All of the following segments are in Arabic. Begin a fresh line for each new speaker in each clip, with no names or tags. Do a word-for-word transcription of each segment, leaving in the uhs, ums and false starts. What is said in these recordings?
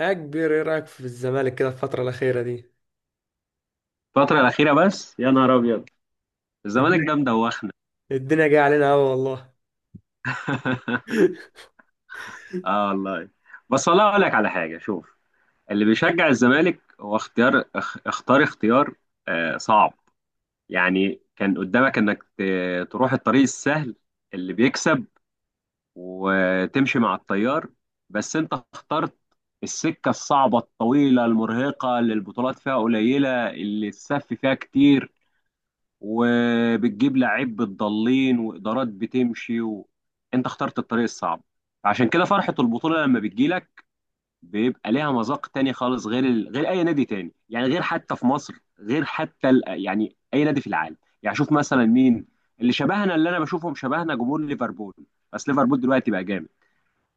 يا كبير، ايه رايك في الزمالك كده الفتره الاخيره دي؟
الفترة الأخيرة بس يا نهار أبيض. الزمالك ده
الدنيا
مدوخنا.
الدنيا جايه علينا قوي والله.
اه والله. بس والله اقول لك على حاجه، شوف، اللي بيشجع الزمالك هو اختيار، اخ- اختار اختيار آه صعب. يعني كان قدامك انك ت- تروح الطريق السهل اللي بيكسب وتمشي مع التيار، بس انت اخترت السكه الصعبه الطويله المرهقه اللي البطولات فيها قليله اللي السف فيها كتير، وبتجيب لعيب بتضلين وادارات بتمشي و... انت اخترت الطريق الصعب. فعشان كده فرحه البطوله لما بتجيلك بيبقى ليها مذاق تاني خالص غير ال... غير اي نادي تاني، يعني غير حتى في مصر، غير حتى ال... يعني اي نادي في العالم. يعني شوف مثلا مين اللي شبهنا، اللي انا بشوفهم شبهنا جمهور ليفربول. بس ليفربول دلوقتي بقى جامد.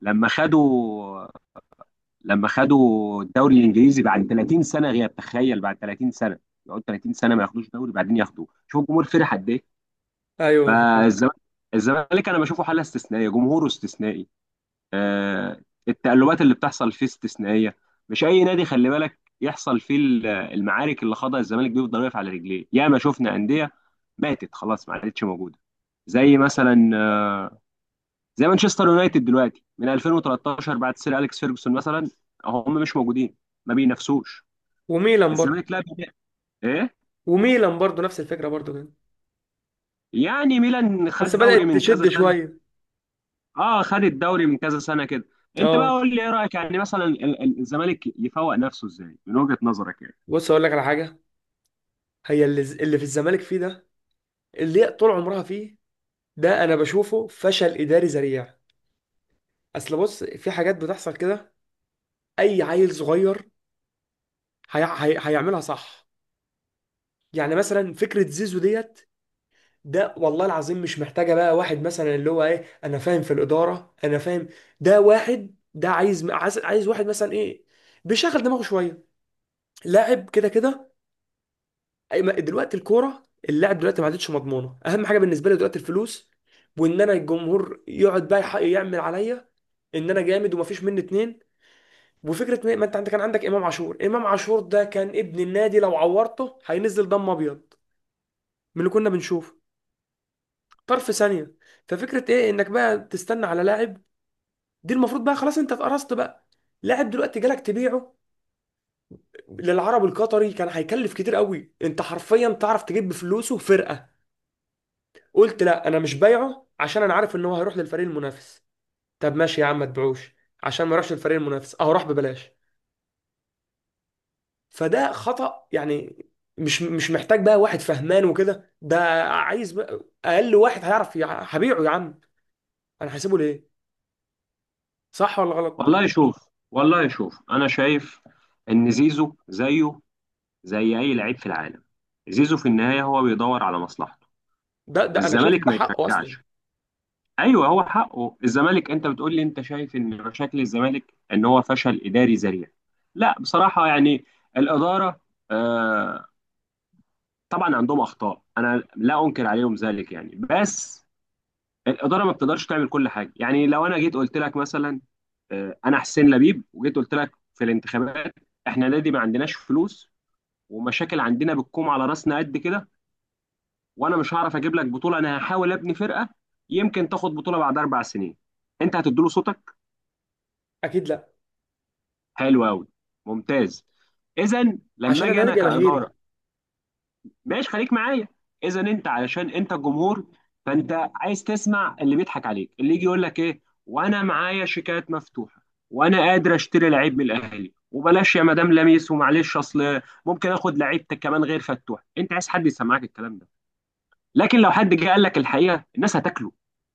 لما خدوا لما خدوا الدوري الانجليزي بعد ثلاثين سنه غياب، تخيل، بعد ثلاثين سنه، يقعدوا ثلاثين سنه ما ياخدوش دوري بعدين ياخدوه، شوف الجمهور فرح قد ايه.
ايوه فعلا.
فالزمالك الزمالك انا بشوفه حاله استثنائيه، جمهوره استثنائي آه، التقلبات اللي بتحصل فيه استثنائيه. مش اي نادي خلي بالك يحصل فيه ال- المعارك اللي خاضها الزمالك. بيفضل واقف على رجليه. ياما شفنا انديه ماتت خلاص، ما عادتش موجوده. زي مثلا آه، زي مانشستر يونايتد دلوقتي من ألفين وثلاثة عشر بعد سير اليكس فيرجسون مثلا، هم مش موجودين، ما بينافسوش.
وميلان برضه.
الزمالك لا بي- ايه؟
وميلان برضه نفس الفكره برضه كده.
يعني ميلان
بس
خد دوري
بدات
من كذا
تشد
سنه.
شويه.
اه، خد الدوري من كذا سنه كده. انت بقى
اه،
قول لي ايه رايك، يعني مثلا ال- ال- الزمالك يفوق نفسه ازاي من وجهه نظرك يعني؟
بص اقول لك على حاجه. هي اللي اللي في الزمالك فيه ده، اللي هي طول عمرها فيه، ده انا بشوفه فشل اداري ذريع. اصل بص في حاجات بتحصل كده. اي عيل صغير هي... هي... هيعملها صح. يعني مثلا فكره زيزو ديت، ده والله العظيم مش محتاجة بقى واحد مثلا اللي هو ايه انا فاهم في الإدارة انا فاهم. ده واحد ده عايز عايز عايز واحد مثلا ايه، بيشغل دماغه شوية، لاعب كده كده. أي- ما- دلوقتي الكورة، اللاعب دلوقتي ما عادتش مضمونة، اهم حاجة بالنسبة لي دلوقتي الفلوس. وان انا الجمهور يقعد بقى يح- يعمل عليا ان انا جامد ومفيش مني اتنين. وفكرة ما ما انت عندك، كان عندك امام عاشور. امام عاشور ده كان ابن النادي، لو عورته هينزل دم ابيض من اللي كنا بنشوفه طرف ثانية. ففكرة ايه انك بقى تستنى على لاعب؟ دي المفروض بقى خلاص انت اتقرصت بقى. لاعب دلوقتي جالك تبيعه للعرب القطري، كان هيكلف كتير قوي، انت حرفيا تعرف تجيب بفلوسه فرقة. قلت لا انا مش بايعه عشان انا عارف ان هو هيروح للفريق المنافس. طب ماشي يا عم ما تبيعوش عشان ما يروحش للفريق المنافس، اه راح ببلاش. فده خطأ يعني. مش مش محتاج بقى واحد فهمان وكده، ده عايز بقى اقل واحد هيعرف يع- هبيعه يا عم، انا هسيبه ليه؟ صح ولا غلط؟
والله شوف، والله شوف، انا شايف ان زيزو زيه زي اي لعيب في العالم. زيزو في النهايه هو بيدور على مصلحته،
ده ده انا شايف إن
والزمالك
ده
ما
حقه اصلا.
يشجعش. ايوه هو حقه الزمالك. انت بتقول لي انت شايف ان مشاكل الزمالك ان هو فشل اداري ذريع؟ لا بصراحه، يعني الاداره آه، طبعا عندهم اخطاء، انا لا انكر عليهم ذلك، يعني بس الاداره ما بتقدرش تعمل كل حاجه. يعني لو انا جيت قلت لك مثلا آه، انا حسين لبيب وجيت قلت لك في الانتخابات، احنا نادي ما عندناش فلوس ومشاكل عندنا بتكوم على راسنا قد كده، وانا مش هعرف اجيب لك بطوله، انا هحاول ابني فرقه، يمكن تاخد بطوله بعد اربع سنين، انت هتديله صوتك؟
اكيد لا،
حلو قوي، ممتاز. اذا لما
عشان
اجي
انا نادي
انا كاداره،
جماهيري.
ماشي، خليك معايا، اذا انت علشان انت الجمهور، فانت عايز تسمع اللي بيضحك عليك، اللي يجي يقول لك ايه وانا معايا شيكات مفتوحه وانا قادر اشتري لعيب من الاهلي وبلاش يا مدام لميس ومعلش اصل ممكن اخد لعيب كمان غير فتوح. انت عايز حد يسمعك الكلام ده، لكن لو حد جه قال لك الحقيقه الناس هتاكله.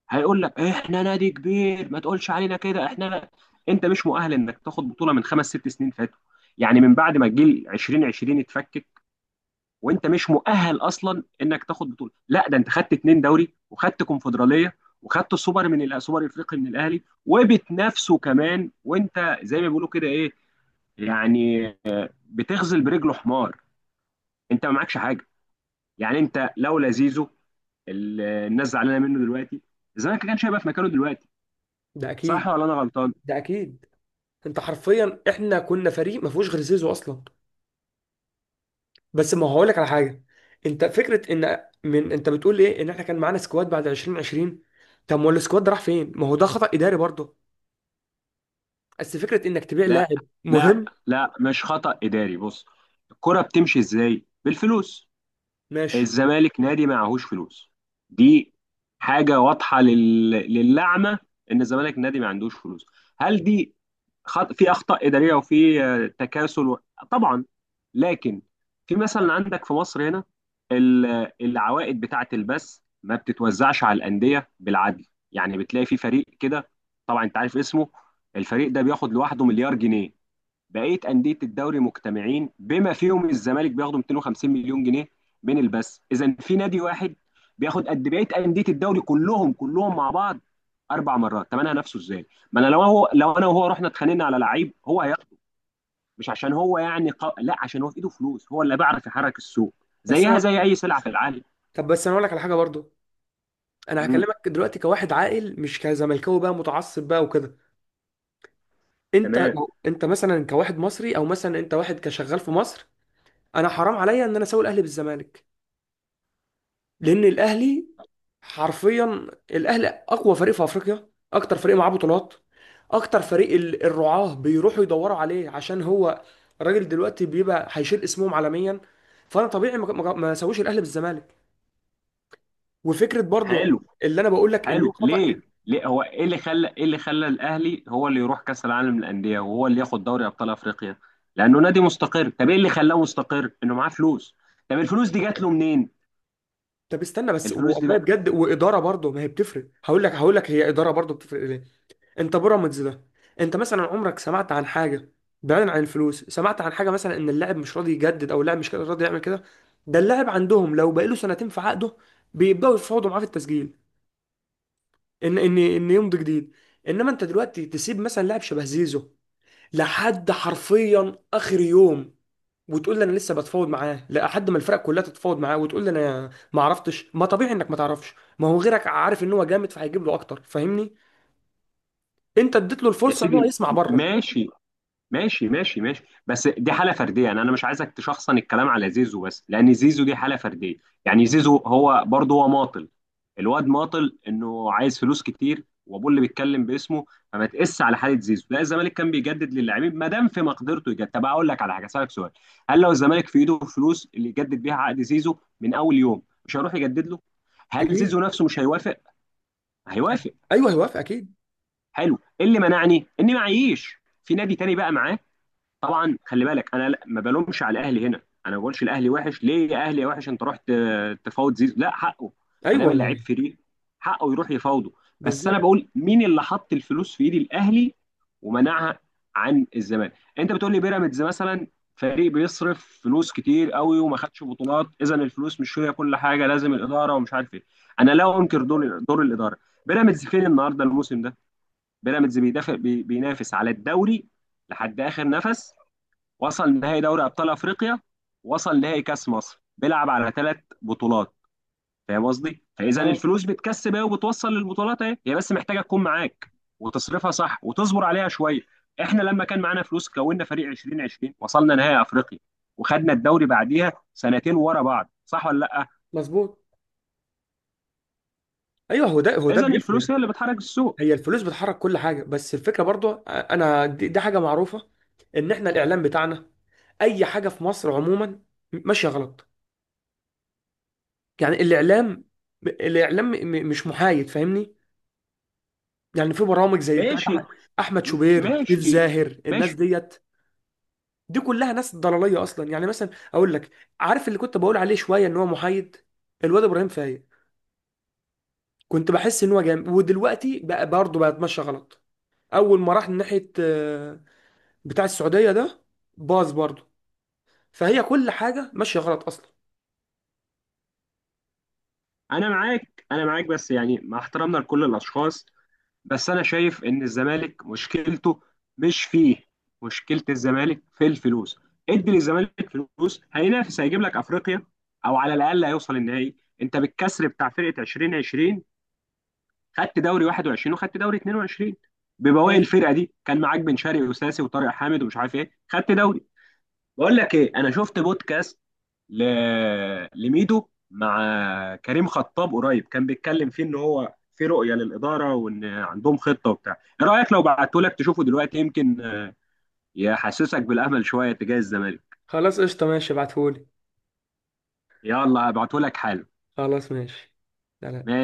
هيقول لك احنا نادي كبير ما تقولش علينا كده، احنا لا. انت مش مؤهل انك تاخد بطوله من خمس ست سنين فاتوا، يعني من بعد ما الجيل ألفين وعشرين اتفك، وانت مش مؤهل اصلا انك تاخد بطوله، لا، ده انت خدت اتنين دوري وخدت كونفدراليه وخدت السوبر من الأ- السوبر الافريقي من الاهلي وبتنافسه كمان، وانت زي ما بيقولوا كده، ايه يعني، بتغزل برجله حمار، انت ما معكش حاجه. يعني انت لولا زيزو، ال- الناس زعلانه منه دلوقتي، الزمالك كان هيبقى في مكانه دلوقتي،
ده اكيد.
صح ولا انا غلطان؟
ده اكيد. انت حرفيا احنا كنا فريق ما فيهوش غير زيزو اصلا. بس ما هو هقول لك على حاجه. انت فكره ان من انت بتقول ايه، ان احنا كان معانا سكواد بعد ألفين وعشرين. طب ما هو السكواد ده راح فين؟ ما هو ده خطأ اداري برضه. بس فكره انك تبيع
لا
لاعب
لا
مهم.
لا مش خطأ اداري، بص، الكرة بتمشي ازاي؟ بالفلوس،
ماشي.
الزمالك نادي معهوش فلوس. دي حاجة واضحة لل... للعمى، إن الزمالك نادي ما عندوش فلوس. هل دي خط... في أخطاء إدارية وفي آه، تكاسل و... طبعا، لكن في مثلا عندك في مصر هنا ال- العوائد بتاعة البث ما بتتوزعش على الأندية بالعدل. يعني بتلاقي في فريق كده، طبعا أنت عارف اسمه، الفريق ده بياخد لوحده مليار جنيه، بقيه انديه الدوري مجتمعين بما فيهم الزمالك بياخدوا مئتين وخمسين مليون جنيه من البث. اذا في نادي واحد بياخد قد بقيه انديه الدوري كلهم كلهم مع بعض اربع مرات، طب انا هنافسه ازاي؟ ما انا لو هو، لو انا وهو رحنا اتخانقنا على لعيب هو هياخد، مش عشان هو يعني ق... لا، عشان هو في ايده فلوس، هو اللي بيعرف يحرك السوق،
بس
زيها
انا
زي اي سلعه في العالم.
طب بس انا اقول لك على حاجه برضه. انا
امم،
هكلمك دلوقتي كواحد عاقل مش كزملكاوي بقى متعصب بقى وكده. انت
تمام،
لو انت مثلا كواحد مصري او مثلا انت واحد كشغال في مصر، انا حرام عليا ان انا اسوي الاهلي بالزمالك. لان الاهلي حرفيا، الاهلي اقوى فريق في افريقيا، اكتر فريق معاه بطولات، اكتر فريق ال- الرعاة بيروحوا يدوروا عليه، عشان هو الراجل دلوقتي بيبقى هيشيل اسمهم عالميا. فانا طبيعي ما ما- ما اسويش الاهلي بالزمالك. وفكره برضو
حلو.
اللي انا بقول لك ان هو
حلو
خطأ.
ليه؟ ليه هو ايه اللي خلى ايه اللي خلى الاهلي هو اللي يروح كاس العالم للانديه وهو اللي ياخد دوري ابطال افريقيا؟ لانه نادي مستقر. طب ايه اللي خلاه مستقر؟ انه معاه فلوس. طب الفلوس دي
لا
جات له
لا
منين؟
طب استنى بس،
الفلوس دي
والله
بقى،
بجد، واداره برضو ما هي بتفرق. هقول لك هقول لك هي اداره برضو بتفرق ليه. انت بيراميدز ده، انت مثلا عمرك سمعت عن حاجه، بعيدا عن الفلوس، سمعت عن حاجه مثلا ان اللاعب مش راضي يجدد او اللاعب مش راضي يعمل كده؟ ده اللاعب عندهم لو بقاله سنتين في عقده بيبداوا يفاوضوا معاه في التسجيل، ان ان ان يمضي جديد. انما انت دلوقتي تسيب مثلا لاعب شبه زيزو لحد حرفيا اخر يوم، وتقول لي انا لسه بتفاوض معاه لحد ما الفرق كلها تتفاوض معاه، وتقول لي انا ما عرفتش، ما طبيعي انك ما تعرفش، ما هو غيرك عارف ان هو جامد فهيجيب له اكتر، فاهمني؟ انت اديت له
يا
الفرصه ان هو
سيدي
يسمع بره.
ماشي، ماشي ماشي ماشي بس دي حاله فرديه، يعني انا مش عايزك تشخصن الكلام على زيزو، بس لان زيزو دي حاله فرديه. يعني زيزو هو برضه هو ماطل، الواد ماطل انه عايز فلوس كتير وابوه اللي بيتكلم باسمه. فما تقس على حاله زيزو، لا، الزمالك كان بيجدد للاعبين ما دام في مقدرته يجدد. طب اقول لك على حاجه، اسالك سؤال، هل لو الزمالك في ايده فلوس اللي يجدد بيها عقد زيزو من اول يوم، مش هيروح يجدد له؟ هل
اكيد.
زيزو نفسه مش هيوافق؟ هيوافق.
ايوه هيوافق اكيد.
حلو، إيه اللي منعني اني معيش في نادي تاني بقى معاه؟ طبعا خلي بالك انا لا- ما بلومش على الاهلي هنا، انا ما بقولش الاهلي وحش، ليه يا اهلي يا وحش انت رحت آه، تفاوض زيزو، لا حقه، ما دام
ايوه.
اللعيب فري حقه يروح يفاوضه. بس انا
بالظبط.
بقول مين اللي حط الفلوس في ايد الاهلي ومنعها عن الزمالك؟ انت بتقول لي بيراميدز مثلا، فريق بيصرف فلوس كتير قوي وما خدش بطولات، اذا الفلوس مش هي كل حاجه، لازم الاداره ومش عارف ايه. انا لا انكر دور دور الاداره. بيراميدز فين النهارده الموسم ده؟ بيراميدز بيدافع، بي- بينافس على الدوري لحد اخر نفس، وصل نهائي دوري ابطال افريقيا، وصل نهائي كاس مصر، بيلعب على ثلاث بطولات. فاهم قصدي؟ فاذا
اه.
الفلوس بتكسب اهي وبتوصل للبطولات اهي، هي بس محتاجه تكون معاك وتصرفها صح وتصبر عليها شويه. احنا لما كان معانا فلوس كونا فريق ألفين وعشرين، وصلنا نهائي افريقيا، وخدنا الدوري بعديها سنتين ورا بعض، صح ولا لا؟
مظبوط. ايوه هو ده، هو ده
اذا
بيفرق.
الفلوس هي اللي بتحرك السوق.
هي الفلوس بتحرك كل حاجه، بس الفكره برضو انا دي, دي حاجه معروفه، ان احنا الاعلام بتاعنا، اي حاجه في مصر عموما ماشيه غلط. يعني الاعلام، الاعلام م- م- مش محايد، فاهمني؟ يعني في برامج زي بتاعت
ماشي
أح- احمد شوبير، سيف
ماشي
زاهر، الناس
ماشي
ديت، دي كلها ناس ضلاليه اصلا. يعني مثلا اقول لك، عارف اللي كنت بقول عليه شويه ان هو محايد، الواد ابراهيم فايق، كنت بحس ان هو جامد، ودلوقتي بقى برضه بقى اتمشى غلط. اول ما راح ناحيه آه، بتاع السعوديه ده باظ برضه. فهي كل حاجه ماشيه غلط اصلا.
انا معاك، انا معاك، بس يعني مع احترامنا لكل الاشخاص، بس انا شايف ان الزمالك مشكلته مش فيه، مشكله الزمالك في الفلوس. ادي للزمالك فلوس هينافس، هيجيب لك افريقيا، او على الاقل هيوصل النهائي. انت بالكسر بتاع فرقه ألفين وعشرين خدت دوري واحد وعشرين وخدت دوري اتنين وعشرين ببواقي
خلاص.
الفرقه دي، كان معاك بن شرقي وساسي وطارق حامد ومش عارف ايه خدت دوري. بقول لك ايه، انا شفت بودكاست ل... لميدو مع كريم خطاب قريب، كان بيتكلم فيه ان هو في رؤيه للاداره وان عندهم خطه وبتاع. ايه رايك لو بعته لك تشوفه دلوقتي، يمكن يحسسك بالامل شويه تجاه الزمالك.
خلاص قشطة، ماشي ابعتهولي.
يلا هبعته لك حالا.
خلاص ماشي. سلام.
ماشي.